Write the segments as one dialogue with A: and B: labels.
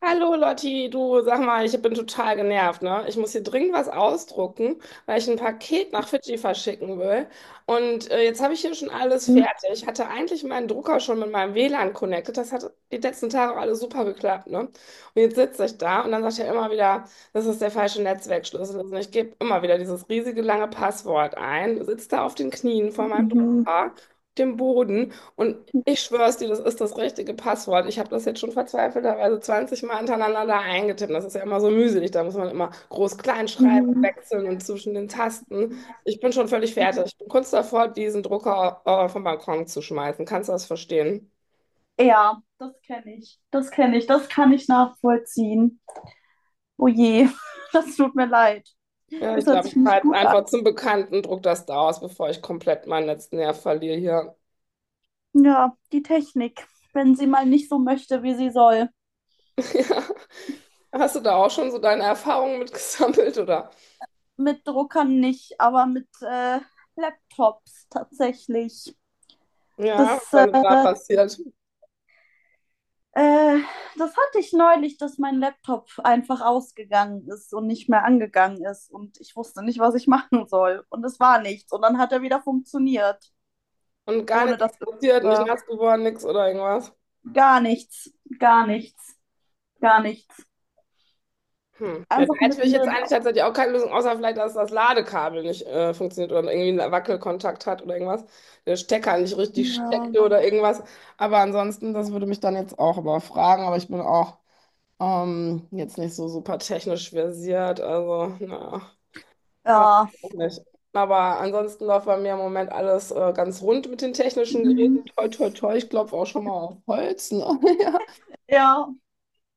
A: Hallo Lotti, du sag mal, ich bin total genervt, ne? Ich muss hier dringend was ausdrucken, weil ich ein Paket nach Fidschi verschicken will. Und jetzt habe ich hier schon alles
B: Mhm.
A: fertig. Ich hatte eigentlich meinen Drucker schon mit meinem WLAN connected. Das hat die letzten Tage alles super geklappt, ne? Und jetzt sitze ich da und dann sagt er immer wieder, das ist der falsche Netzwerkschlüssel. Und ich gebe immer wieder dieses riesige lange Passwort ein, sitze da auf den Knien vor meinem
B: Mhm.
A: Drucker, dem Boden. Und ich schwör's dir, das ist das richtige Passwort. Ich habe das jetzt schon verzweifelterweise 20 Mal hintereinander da eingetippt. Das ist ja immer so mühselig. Da muss man immer Groß-Kleinschreibung
B: Mhm.
A: klein wechseln und zwischen den Tasten. Ich bin schon völlig fertig. Ich bin kurz davor, diesen Drucker vom Balkon zu schmeißen. Kannst du das verstehen?
B: Ja, das kenne ich. Das kenne ich. Das kann ich nachvollziehen. Oh je, das tut mir leid.
A: Ja,
B: Das
A: ich
B: hört
A: glaube,
B: sich
A: ich
B: nicht
A: fahre jetzt
B: gut an.
A: einfach zum Bekannten, druck das da aus, bevor ich komplett meinen letzten Nerv verliere hier.
B: Ja, die Technik, wenn sie mal nicht so möchte, wie sie soll.
A: Ja. Hast du da auch schon so deine Erfahrungen mitgesammelt oder?
B: Mit Druckern nicht, aber mit Laptops tatsächlich.
A: Ja,
B: Das, äh,
A: was da passiert?
B: äh, Das hatte ich neulich, dass mein Laptop einfach ausgegangen ist und nicht mehr angegangen ist. Und ich wusste nicht, was ich machen soll. Und es war nichts. Und dann hat er wieder funktioniert.
A: Und gar
B: Ohne
A: nichts
B: dass
A: ist
B: es
A: passiert, nicht
B: war.
A: nass geworden, nichts oder irgendwas.
B: Gar nichts, gar nichts, gar nichts.
A: Hm. Ja, da
B: Einfach
A: hätte ich jetzt
B: mittendrin.
A: eigentlich tatsächlich auch keine Lösung, außer vielleicht, dass das Ladekabel nicht funktioniert oder irgendwie einen Wackelkontakt hat oder irgendwas. Der Stecker nicht richtig
B: Ja.
A: steckte oder irgendwas. Aber ansonsten, das würde mich dann jetzt auch überfragen. Aber ich bin auch jetzt nicht so super technisch versiert. Also, naja, weiß
B: Ja.
A: ich auch nicht. Aber ansonsten läuft bei mir im Moment alles ganz rund mit den technischen Geräten.
B: Mhm.
A: Toi, toi, toi. Ich klopfe auch schon mal auf Holz. Ne?
B: Ja.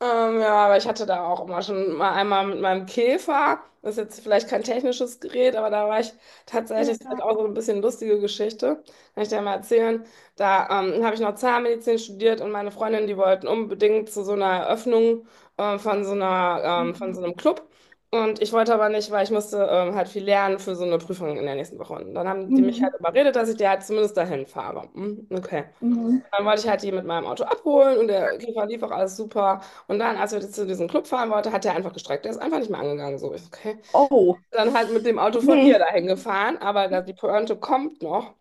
A: Ja, aber ich hatte da auch immer schon mal einmal mit meinem Käfer. Das ist jetzt vielleicht kein technisches Gerät, aber da war ich tatsächlich, das
B: Ja.
A: ist auch so ein bisschen lustige Geschichte, kann ich dir ja mal erzählen. Da habe ich noch Zahnmedizin studiert und meine Freundin, die wollten unbedingt zu so einer Eröffnung von so einer, von so einem Club. Und ich wollte aber nicht, weil ich musste halt viel lernen für so eine Prüfung in der nächsten Woche. Und dann haben die mich halt
B: Mhm.
A: überredet, dass ich die halt zumindest dahin fahre. Hm, okay.
B: Mhm.
A: Dann wollte ich halt die mit meinem Auto abholen und der Käfer lief auch alles super. Und dann, als wir zu diesem Club fahren wollten, hat der einfach gestreckt. Der ist einfach nicht mehr angegangen. So, ich, so, okay.
B: Oh,
A: Dann halt mit dem Auto von ihr
B: nee.
A: dahin gefahren, aber da, die Pointe kommt noch.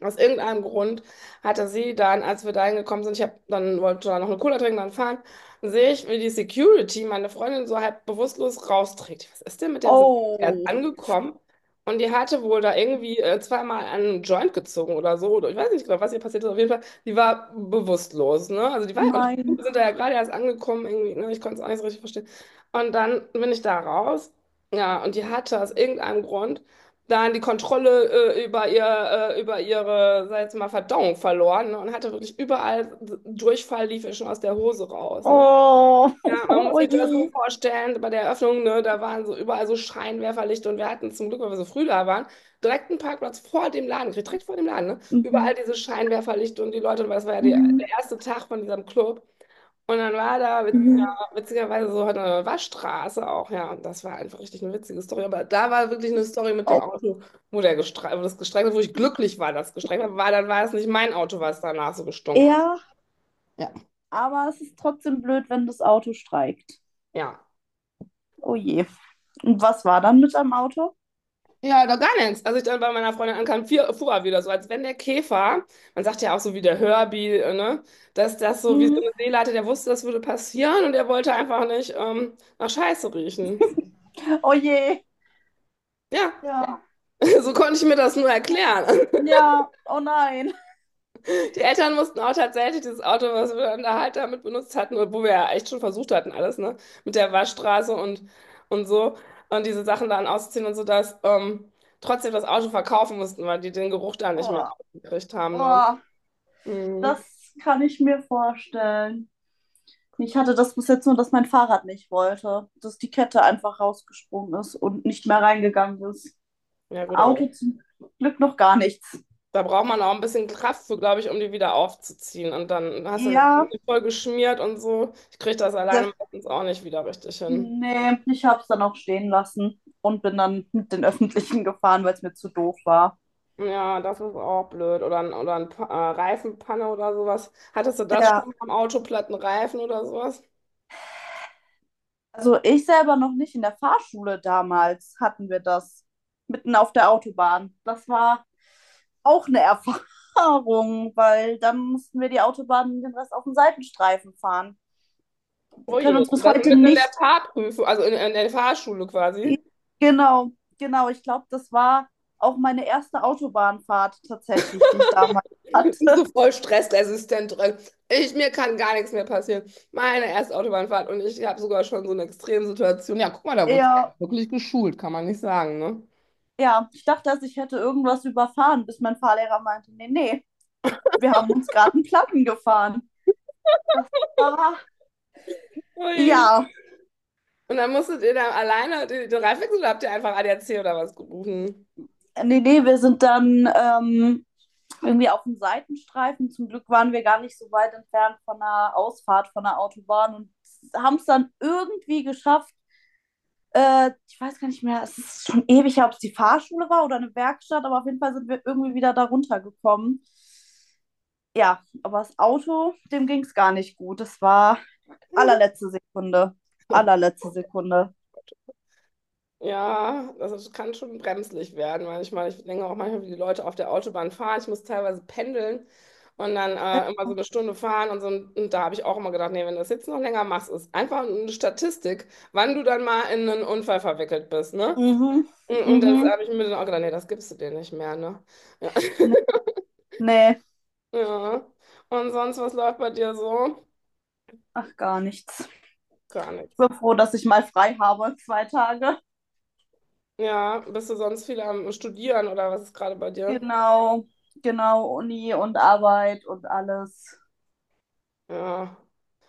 A: Aus irgendeinem Grund hatte sie dann, als wir da hingekommen sind, ich hab, dann wollte da noch eine Cola trinken, dann fahren, sehe ich, wie die Security meine Freundin so halb bewusstlos rausträgt. Was ist denn mit dem? Wir sind erst
B: Oh,
A: angekommen und die hatte wohl da irgendwie zweimal an einem Joint gezogen oder so. Oder ich weiß nicht genau, was ihr passiert ist. Auf jeden Fall, die war bewusstlos, ne? Also die war, und
B: nein.
A: wir sind da ja gerade erst angekommen, irgendwie, ne? Ich konnte es auch nicht so richtig verstehen. Und dann bin ich da raus, ja, und die hatte aus irgendeinem Grund dann die Kontrolle über ihre, sag ich jetzt mal, Verdauung verloren, ne, und hatte wirklich überall Durchfall, lief ihr schon aus der Hose raus, ne?
B: Oh,
A: Ja, man muss
B: oh
A: sich das so
B: je.
A: vorstellen, bei der Eröffnung, ne, da waren so überall so Scheinwerferlichter und wir hatten zum Glück, weil wir so früh da waren, direkt einen Parkplatz vor dem Laden gekriegt, direkt vor dem Laden, ne? Überall
B: Mhm.
A: diese Scheinwerferlichter und die Leute, weil es war ja die,
B: Mhm.
A: der erste Tag von diesem Club. Und dann war da ja,
B: Mhm.
A: witzigerweise so eine Waschstraße auch, ja. Und das war einfach richtig eine witzige Story. Aber da war wirklich eine Story mit dem
B: Oh.
A: Auto, wo das gestreckt hat, wo ich glücklich war, dass es gestreckt hat, weil dann war es nicht mein Auto, was danach so gestunken.
B: Ja,
A: Ja.
B: aber es ist trotzdem blöd, wenn das Auto streikt.
A: Ja.
B: Oh je. Und was war dann mit deinem Auto?
A: Ja, da gar nichts. Als ich dann bei meiner Freundin ankam, fuhr er wieder so, als wenn der Käfer, man sagt ja auch so wie der Herbie, ne, dass das so wie so
B: Mhm.
A: eine Seele hatte, der wusste, das würde passieren und er wollte einfach nicht nach Scheiße riechen.
B: Oh je.
A: Ja,
B: Ja.
A: so konnte ich mir das nur erklären.
B: Ja. Oh nein.
A: Die Eltern mussten auch tatsächlich dieses Auto, was wir dann da halt damit benutzt hatten, wo wir ja echt schon versucht hatten, alles, ne? Mit der Waschstraße und so. Und diese Sachen dann auszuziehen und so, dass trotzdem das Auto verkaufen mussten, weil die den Geruch da nicht mehr
B: Oh.
A: rausgekriegt haben, ne?
B: Oh,
A: Mhm.
B: das kann ich mir vorstellen. Ich hatte das bis jetzt nur, dass mein Fahrrad nicht wollte, dass die Kette einfach rausgesprungen ist und nicht mehr reingegangen ist.
A: Ja, gut, aber
B: Auto zum Glück noch gar nichts.
A: da braucht man auch ein bisschen Kraft für, glaube ich, um die wieder aufzuziehen. Und dann hast du die
B: Ja,
A: Hände voll geschmiert und so. Ich kriege das
B: das,
A: alleine meistens auch nicht wieder richtig hin.
B: Nee, ich habe es dann auch stehen lassen und bin dann mit den Öffentlichen gefahren, weil es mir zu doof war.
A: Ja, das ist auch blöd. Oder, ein Reifenpanne oder sowas. Hattest du das schon
B: Ja.
A: mal am Auto, platten Reifen oder sowas?
B: Also ich selber noch nicht. In der Fahrschule damals hatten wir das. Mitten auf der Autobahn. Das war auch eine Erfahrung, weil dann mussten wir die Autobahn den Rest auf dem Seitenstreifen fahren.
A: Oh
B: Wir können
A: je,
B: uns bis
A: das
B: heute
A: mitten in der
B: nicht.
A: Fahrprüfung, also in der Fahrschule quasi.
B: Genau, genau. Ich glaube, das war auch meine erste Autobahnfahrt tatsächlich, die ich damals
A: So
B: hatte.
A: voll stressresistent drin. Mir kann gar nichts mehr passieren. Meine erste Autobahnfahrt und ich habe sogar schon so eine Extremsituation. Ja, guck mal, da wurde
B: Ja,
A: wirklich geschult, kann man nicht sagen, ne?
B: ja, ich dachte, dass ich hätte irgendwas überfahren, bis mein Fahrlehrer meinte, nee, nee, wir haben uns gerade einen Platten gefahren. Ah,
A: Ui.
B: ja.
A: Und dann musstet ihr da alleine den Reifenwechsel oder habt ihr einfach ADAC oder was gerufen?
B: Wir sind dann irgendwie auf dem Seitenstreifen. Zum Glück waren wir gar nicht so weit entfernt von einer Ausfahrt von der Autobahn und haben es dann irgendwie geschafft. Ich weiß gar nicht mehr, es ist schon ewig, her, ob es die Fahrschule war oder eine Werkstatt, aber auf jeden Fall sind wir irgendwie wieder da runtergekommen. Ja, aber das Auto, dem ging es gar nicht gut. Das war allerletzte Sekunde.
A: Oh.
B: Allerletzte Sekunde.
A: Ja, das kann schon bremslich werden manchmal. Ich denke auch manchmal, wie die Leute auf der Autobahn fahren. Ich muss teilweise pendeln und dann
B: Äh,
A: immer so eine Stunde fahren und so. Und da habe ich auch immer gedacht, nee, wenn du das jetzt noch länger machst, ist einfach eine Statistik, wann du dann mal in einen Unfall verwickelt bist, ne?
B: Mhm,
A: Und
B: mhm.
A: das habe ich mir dann auch gedacht, nee, das gibst du dir nicht mehr, ne? Ja.
B: Nee, nee.
A: Ja. Und sonst, was läuft bei dir so?
B: Ach, gar nichts.
A: Gar nichts.
B: Bin froh, dass ich mal frei habe, zwei Tage.
A: Ja, bist du sonst viel am Studieren oder was ist gerade bei dir?
B: Genau, genau, Uni und Arbeit und alles.
A: Ja.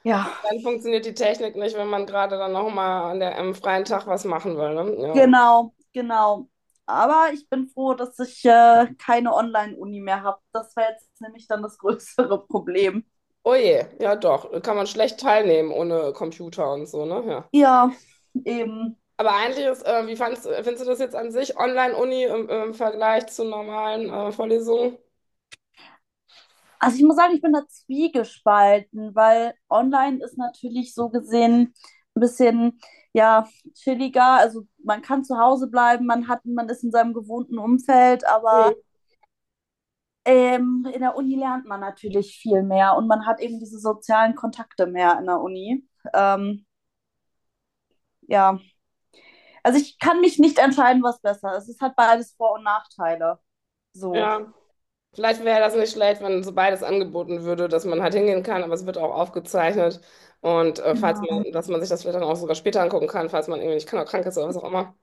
B: Ja,
A: Dann funktioniert die Technik nicht, wenn man gerade dann nochmal an der, am freien Tag was machen will, ne? Ja.
B: genau, genau. Aber ich bin froh, dass ich keine Online-Uni mehr habe. Das wäre jetzt nämlich dann das größere Problem.
A: Oh je, ja doch, kann man schlecht teilnehmen ohne Computer und so, ne? Ja.
B: Ja, eben.
A: Aber eigentlich ist, findest du das jetzt an sich, Online-Uni im Vergleich zu normalen Vorlesungen?
B: Also ich muss sagen, ich bin da zwiegespalten, weil online ist natürlich so gesehen ein bisschen ja chilliger. Also man kann zu Hause bleiben, man hat, man ist in seinem gewohnten Umfeld,
A: Hm.
B: aber ähm, in der Uni lernt man natürlich viel mehr und man hat eben diese sozialen Kontakte mehr in der Uni. Ähm, ja, also ich kann mich nicht entscheiden, was besser ist. Es hat beides Vor- und Nachteile. So.
A: Ja. Vielleicht wäre das nicht schlecht, wenn so beides angeboten würde, dass man halt hingehen kann, aber es wird auch aufgezeichnet. Und falls
B: Genau.
A: man, dass man sich das vielleicht dann auch sogar später angucken kann, falls man irgendwie nicht kann, krank ist oder was auch immer.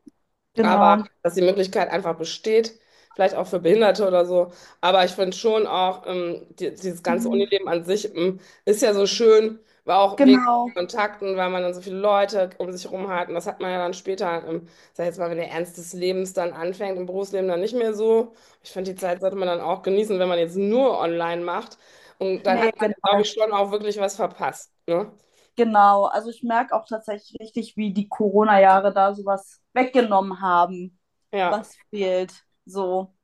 B: Genau,
A: Aber dass die Möglichkeit einfach besteht, vielleicht auch für Behinderte oder so. Aber ich finde schon auch, dieses ganze
B: mhm,
A: Unileben an sich, ist ja so schön, war auch wegen
B: genau.
A: Kontakten, weil man dann so viele Leute um sich herum hat. Und das hat man ja dann später, sag ich jetzt mal, wenn der Ernst des Lebens dann anfängt, im Berufsleben dann nicht mehr so. Ich finde, die Zeit sollte man dann auch genießen, wenn man jetzt nur online macht. Und dann
B: Nee,
A: hat man,
B: genau,
A: glaube ich, schon auch wirklich was verpasst. Ne?
B: genau. Also ich merke auch tatsächlich richtig, wie die Corona-Jahre da sowas weggenommen haben.
A: Ja.
B: Was fehlt. So.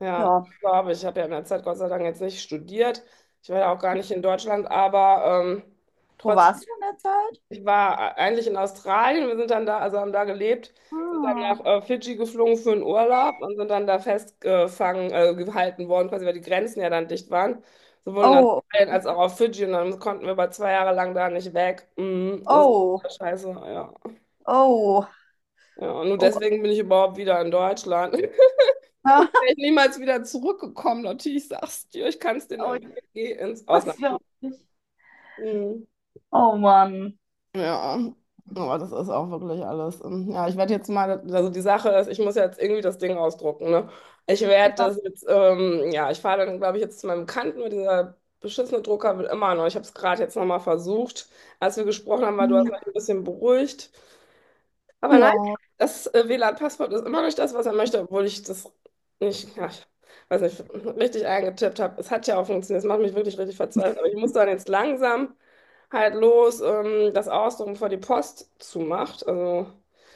A: Ja,
B: Ja.
A: glaube ich. Ich habe ja in der Zeit Gott sei Dank jetzt nicht studiert. Ich war ja auch gar nicht in Deutschland, aber
B: Wo warst
A: trotzdem,
B: du in der Zeit?
A: ich war eigentlich in Australien. Wir sind dann da, also haben da gelebt, sind dann
B: Ah.
A: nach Fidschi geflogen für einen Urlaub und sind dann da festgefangen, gehalten worden, quasi weil die Grenzen ja dann dicht waren, sowohl in
B: Oh,
A: Australien als auch auf Fidschi. Und dann konnten wir aber 2 Jahre lang da nicht weg. Mhm, das ist
B: oh,
A: ja scheiße, ja.
B: oh,
A: Ja, und nur
B: oh.
A: deswegen bin ich überhaupt wieder in Deutschland. Und wäre ich niemals wieder zurückgekommen. Natürlich sagst du, ich kann es dir nur
B: Oh,
A: empfehlen, geh ins
B: das
A: Ausland.
B: ist ja auch nicht.
A: Mhm.
B: Oh Mann.
A: Ja, aber das ist auch wirklich alles. Ja, ich werde jetzt mal, also die Sache ist, ich muss jetzt irgendwie das Ding ausdrucken, ne? Ich werde
B: Ja,
A: das jetzt, ja, ich fahre dann, glaube ich, jetzt zu meinem Bekannten, weil dieser beschissene Drucker will immer noch. Ich habe es gerade jetzt nochmal versucht, als wir gesprochen haben, weil du hast mich ein bisschen beruhigt. Aber nein,
B: ja,
A: das WLAN-Passwort ist immer nicht das, was er möchte, obwohl ich das nicht, ja, ich weiß nicht, richtig eingetippt habe. Es hat ja auch funktioniert. Es macht mich wirklich richtig verzweifelt. Aber ich muss dann jetzt langsam halt los, das ausdrucken, bevor die Post zumacht. Also,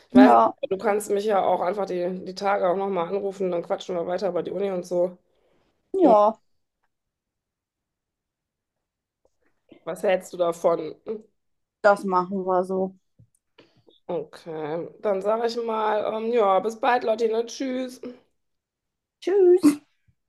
A: ich weiß
B: ja,
A: nicht, du kannst mich ja auch einfach die Tage auch nochmal anrufen, dann quatschen wir weiter über die Uni und so. Hm,
B: ja,
A: was hältst du davon?
B: das machen wir so.
A: Okay, dann sage ich mal, ja, bis bald, Lottine, tschüss.
B: Tschüss.